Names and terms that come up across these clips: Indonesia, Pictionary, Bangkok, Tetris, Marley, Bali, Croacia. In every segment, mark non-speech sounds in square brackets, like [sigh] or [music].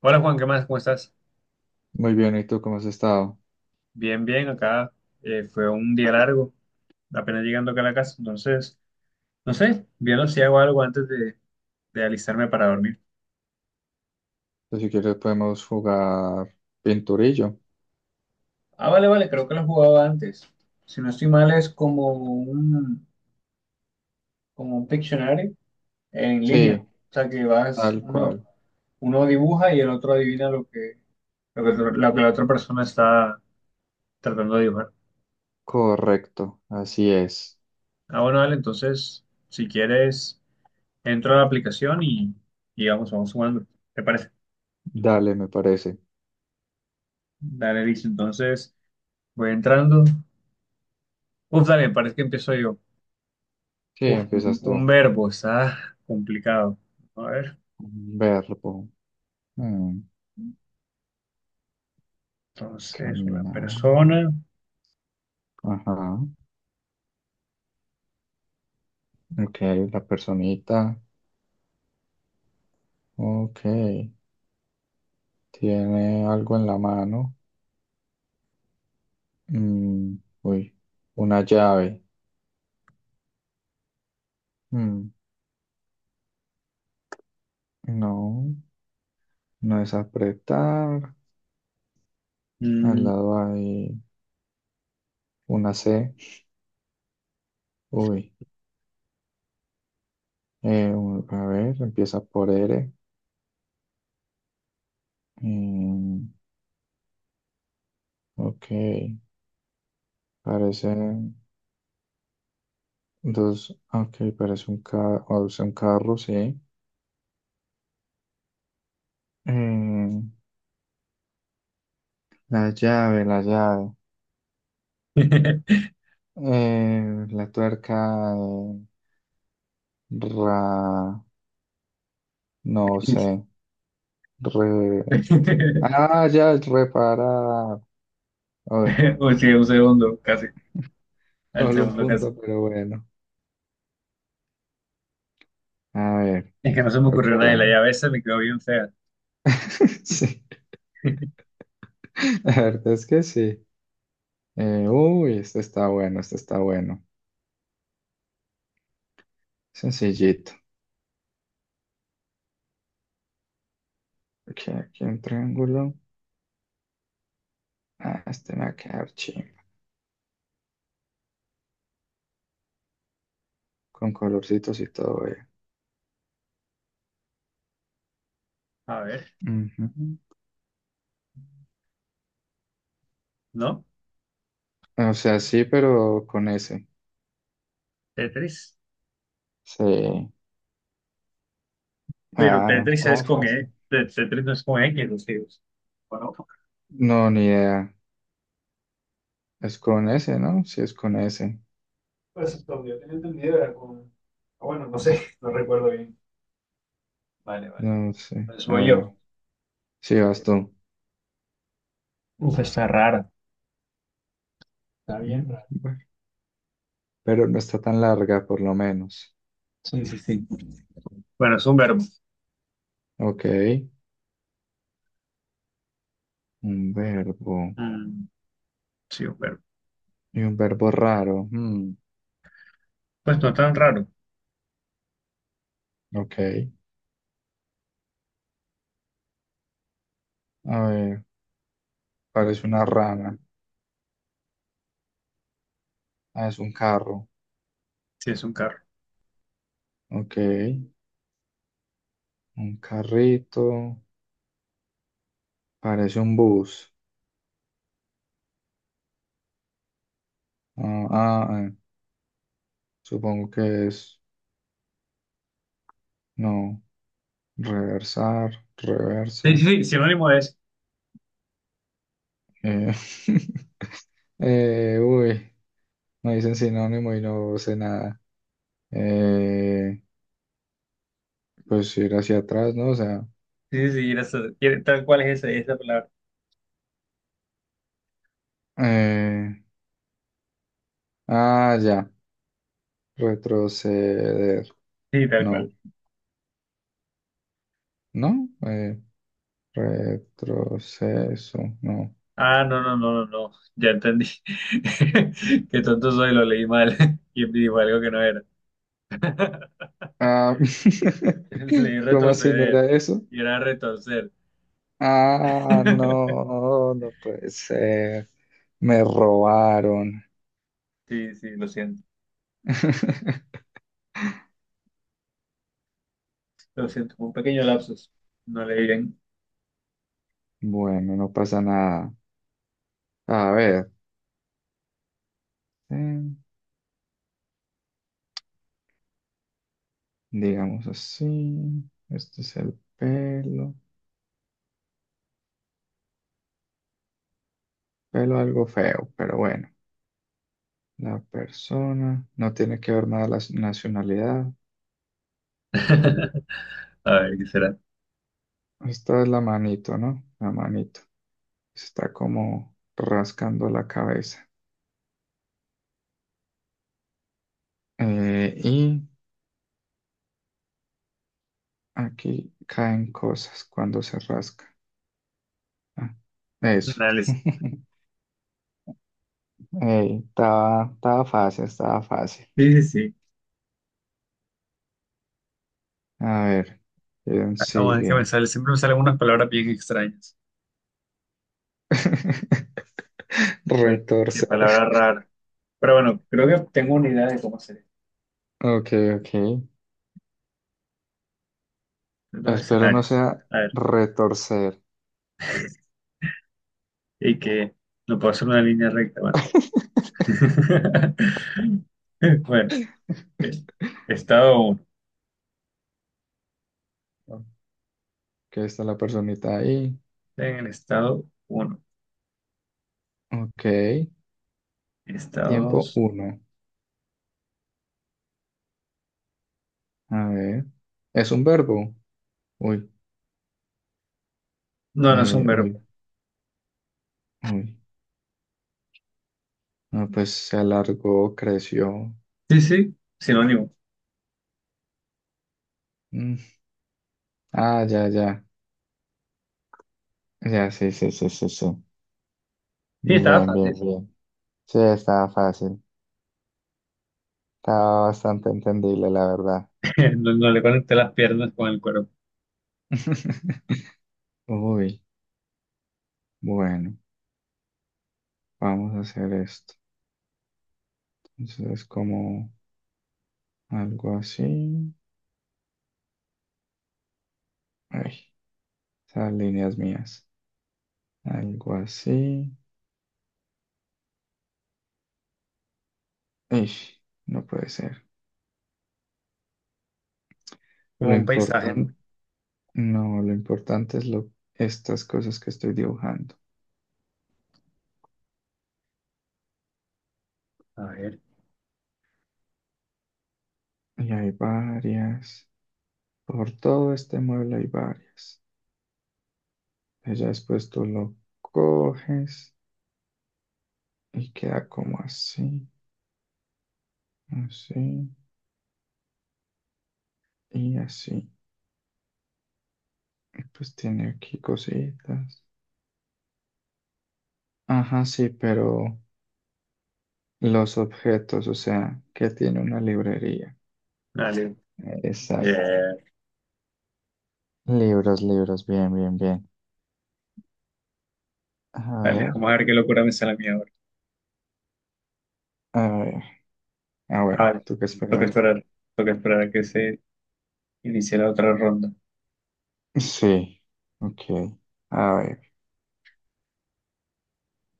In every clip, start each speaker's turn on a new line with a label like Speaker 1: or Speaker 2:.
Speaker 1: Hola Juan, ¿qué más? ¿Cómo estás?
Speaker 2: Muy bien, ¿y tú cómo has estado?
Speaker 1: Bien, bien, acá fue un día largo, apenas llegando acá a la casa, entonces, no sé, viendo si hago algo antes de alistarme para dormir.
Speaker 2: Pues, si quieres podemos jugar pinturillo.
Speaker 1: Ah, vale, vale, creo que lo jugaba antes. Si no estoy mal, es como como un Pictionary en línea. O
Speaker 2: Sí,
Speaker 1: sea, que vas,
Speaker 2: tal cual.
Speaker 1: uno dibuja y el otro adivina lo lo lo que la otra persona está tratando de dibujar.
Speaker 2: Correcto, así es.
Speaker 1: Ah, bueno, vale, entonces, si quieres. Entro a la aplicación y vamos jugando. ¿Te parece?
Speaker 2: Dale, me parece.
Speaker 1: Dale, dice. Entonces, voy entrando. Uf, dale, parece que empiezo yo.
Speaker 2: Sí,
Speaker 1: Uf,
Speaker 2: empiezas
Speaker 1: un
Speaker 2: tú.
Speaker 1: verbo, está complicado. A ver,
Speaker 2: Verbo. Mm,
Speaker 1: entonces, una
Speaker 2: caminar.
Speaker 1: persona.
Speaker 2: Ajá. Ok, la personita. Ok. Tiene algo en la mano. Mm, uy, una llave. Mm, no, no es apretar. Al
Speaker 1: Mm.
Speaker 2: lado hay una C. Uy. Un- a ver, empieza por R. Mm, ok, parece dos. Ok, parece un, ca- o sea, un carro, sí. Eh, la llave, la llave.
Speaker 1: [laughs]
Speaker 2: La tuerca. Ra, no sé. Re, ah, ya es reparar. Uy,
Speaker 1: Uy, sí, un segundo, casi. Al
Speaker 2: solo un
Speaker 1: segundo, casi.
Speaker 2: punto, pero bueno. A ver,
Speaker 1: Es que no se me
Speaker 2: creo que
Speaker 1: ocurrió nada y la
Speaker 2: ahora.
Speaker 1: llave esa me quedó bien fea.
Speaker 2: [laughs] Sí,
Speaker 1: [laughs]
Speaker 2: la verdad es que sí. Uy, este está bueno, este está bueno. Sencillito. Aquí, aquí un triángulo. Ah, este me va a quedar chimba. Con colorcitos y todo, eh.
Speaker 1: A ver,
Speaker 2: Ujú.
Speaker 1: ¿no?
Speaker 2: O sea, sí, pero con ese.
Speaker 1: Tetris.
Speaker 2: Sí.
Speaker 1: Pero
Speaker 2: Ah, no,
Speaker 1: Tetris es
Speaker 2: estaba
Speaker 1: con
Speaker 2: fácil.
Speaker 1: E. Tetris no es con X, los tíos. Bueno,
Speaker 2: No, ni idea. Es con ese, ¿no? Sí, es con ese.
Speaker 1: pues lo que yo tenía entendido era con... Ah, bueno, no sé, [laughs] no recuerdo bien. Vale, vale.
Speaker 2: No sé.
Speaker 1: Pues
Speaker 2: A
Speaker 1: voy
Speaker 2: ver.
Speaker 1: yo.
Speaker 2: Sí, vas tú.
Speaker 1: Uf, está raro. Está bien
Speaker 2: Mm,
Speaker 1: raro.
Speaker 2: bueno. Pero no está tan larga, por lo menos.
Speaker 1: Sí, sí, sí. Bueno, es un verbo.
Speaker 2: Ok. Un verbo.
Speaker 1: Mm, sí, un verbo.
Speaker 2: Y un verbo raro. Mm,
Speaker 1: Pues no tan raro.
Speaker 2: ok. A ver. Parece una rana. Ah, es un carro.
Speaker 1: Sí, es un carro.
Speaker 2: Ok. Un carrito. Parece un bus. Ah, ah, ah, supongo que es. No. Reversar.
Speaker 1: Sí,
Speaker 2: Reversa.
Speaker 1: sí, sí, sinónimo de eso.
Speaker 2: Eh, [laughs] uy. Me dicen sinónimo y no sé nada. Eh, pues ir hacia atrás, ¿no? O sea.
Speaker 1: Sí, sí, sí, era eso. Tal cual es esa palabra.
Speaker 2: eh, ah, ya. Retroceder.
Speaker 1: Sí, tal cual.
Speaker 2: No. ¿No? Retroceso. No.
Speaker 1: Ah, no, no, no, no, no. Ya entendí. [laughs] Qué tonto soy, lo leí mal. [laughs] Y digo algo que no era. [laughs]
Speaker 2: Ah, [laughs]
Speaker 1: Leí
Speaker 2: ¿cómo así no
Speaker 1: retroceder.
Speaker 2: era eso?
Speaker 1: Y era retorcer.
Speaker 2: Ah,
Speaker 1: [laughs]
Speaker 2: no, no puede ser. Me robaron.
Speaker 1: Sí, sí, lo siento.
Speaker 2: [laughs]
Speaker 1: Lo siento, un pequeño lapsus. No leí bien.
Speaker 2: Bueno, no pasa nada. A ver, eh, digamos así. Este es el pelo. Pelo algo feo, pero bueno. La persona. No tiene que ver nada la s- nacionalidad.
Speaker 1: [laughs] A ver, ¿qué será?
Speaker 2: Esta es la manito, ¿no? La manito. Está como rascando la cabeza. Eh, Aquí caen cosas cuando se rasca. Ah, eso.
Speaker 1: Análisis.
Speaker 2: [laughs] Ey, estaba, estaba fácil, estaba fácil.
Speaker 1: Sí, sí, sí.
Speaker 2: A ver, ¿quién
Speaker 1: Acabo de que me
Speaker 2: sigue?
Speaker 1: sale. Siempre me salen unas palabras bien extrañas.
Speaker 2: [laughs]
Speaker 1: Oye, qué
Speaker 2: Retorcer.
Speaker 1: palabra rara. Pero bueno, creo que tengo una idea de cómo hacer esto.
Speaker 2: Ok, ok.
Speaker 1: Dos
Speaker 2: Espero no
Speaker 1: escenarios.
Speaker 2: sea
Speaker 1: A ver,
Speaker 2: retorcer.
Speaker 1: y que no puedo hacer una línea recta. Bueno,
Speaker 2: [laughs]
Speaker 1: [laughs] bueno, eh, estado uno.
Speaker 2: Que está la personita ahí.
Speaker 1: En el estado uno.
Speaker 2: Ok.
Speaker 1: Estado
Speaker 2: Tiempo
Speaker 1: dos.
Speaker 2: uno. A ver. ¿Es un verbo? Uy,
Speaker 1: No, no es un verbo.
Speaker 2: uy, uy. No, pues se alargó, creció.
Speaker 1: Sí, sí, sinónimo.
Speaker 2: Mm. Ah, ya, ya. Ya, sí, sí, sí, sí, sí.
Speaker 1: Sí, estaba
Speaker 2: Bien, bien,
Speaker 1: fácil.
Speaker 2: bien. Sí, estaba fácil. Estaba bastante entendible, la verdad.
Speaker 1: [laughs] No, no le conecté las piernas con el cuerpo.
Speaker 2: [laughs] Uy, bueno, vamos a hacer esto. Entonces, como algo así. Ay, esas líneas mías. Algo así. Ish, no puede ser.
Speaker 1: Como
Speaker 2: Lo
Speaker 1: un paisaje, ¿no?
Speaker 2: importante, no, lo importante es lo, estas cosas que estoy dibujando.
Speaker 1: A ver.
Speaker 2: Y hay varias. Por todo este mueble hay varias. Ella después tú lo coges y queda como así, así y así. Y pues tiene aquí cositas. Ajá, sí, pero los objetos, o sea, que tiene una librería.
Speaker 1: Dale.
Speaker 2: Exacto.
Speaker 1: Eh,
Speaker 2: Libros, libros, bien, bien, bien. A
Speaker 1: dale,
Speaker 2: ver,
Speaker 1: vamos a ver qué locura me sale a mí ahora.
Speaker 2: a ver. Ah,
Speaker 1: Ah,
Speaker 2: bueno,
Speaker 1: vale.
Speaker 2: tú que
Speaker 1: Toca
Speaker 2: esperar.
Speaker 1: esperar. Toca esperar a que se inicie la otra ronda.
Speaker 2: Sí, ok. A ver,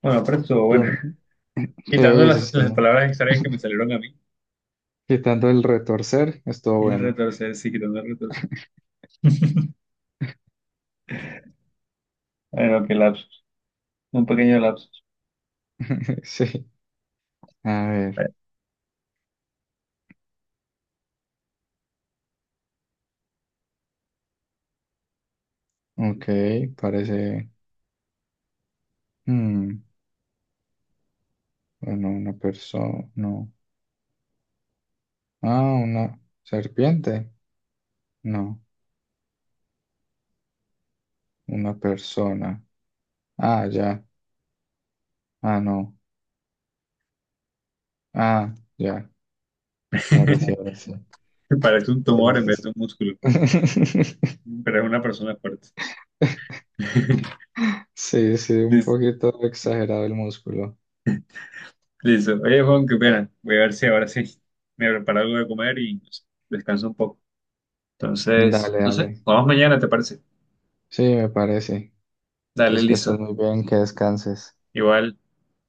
Speaker 1: Bueno, pero estuvo bueno.
Speaker 2: ¿quién?
Speaker 1: [laughs] Quitando
Speaker 2: Sí, sí,
Speaker 1: las
Speaker 2: sí.
Speaker 1: palabras extrañas que me
Speaker 2: [laughs]
Speaker 1: salieron a mí.
Speaker 2: Quitando el retorcer, estuvo
Speaker 1: Y el
Speaker 2: bueno.
Speaker 1: retorcer, sí, quitando el retorcer. Bueno, qué lapsus. Un pequeño lapsus.
Speaker 2: [laughs] Sí. A ver, ok, parece. Mm, bueno, una persona. No. Ah, una serpiente. No, una persona. Ah, ya. Ah, no. Ah, ya. Ahora sí,
Speaker 1: [laughs]
Speaker 2: ahora sí.
Speaker 1: Parece un
Speaker 2: Sí,
Speaker 1: tumor en
Speaker 2: sí,
Speaker 1: vez de un músculo.
Speaker 2: sí. [laughs]
Speaker 1: Pero es una persona fuerte. [laughs]
Speaker 2: Sí, sí, un
Speaker 1: Listo.
Speaker 2: poquito exagerado el músculo.
Speaker 1: Listo. Oye, Juan, qué pena. Voy a ver si ahora sí me preparo algo de comer y no sé, descanso un poco. Entonces,
Speaker 2: Dale,
Speaker 1: no
Speaker 2: dale.
Speaker 1: sé, vamos mañana, ¿te parece?
Speaker 2: Sí, me parece.
Speaker 1: Dale,
Speaker 2: Entonces que
Speaker 1: listo.
Speaker 2: estés muy bien, que descanses.
Speaker 1: Igual.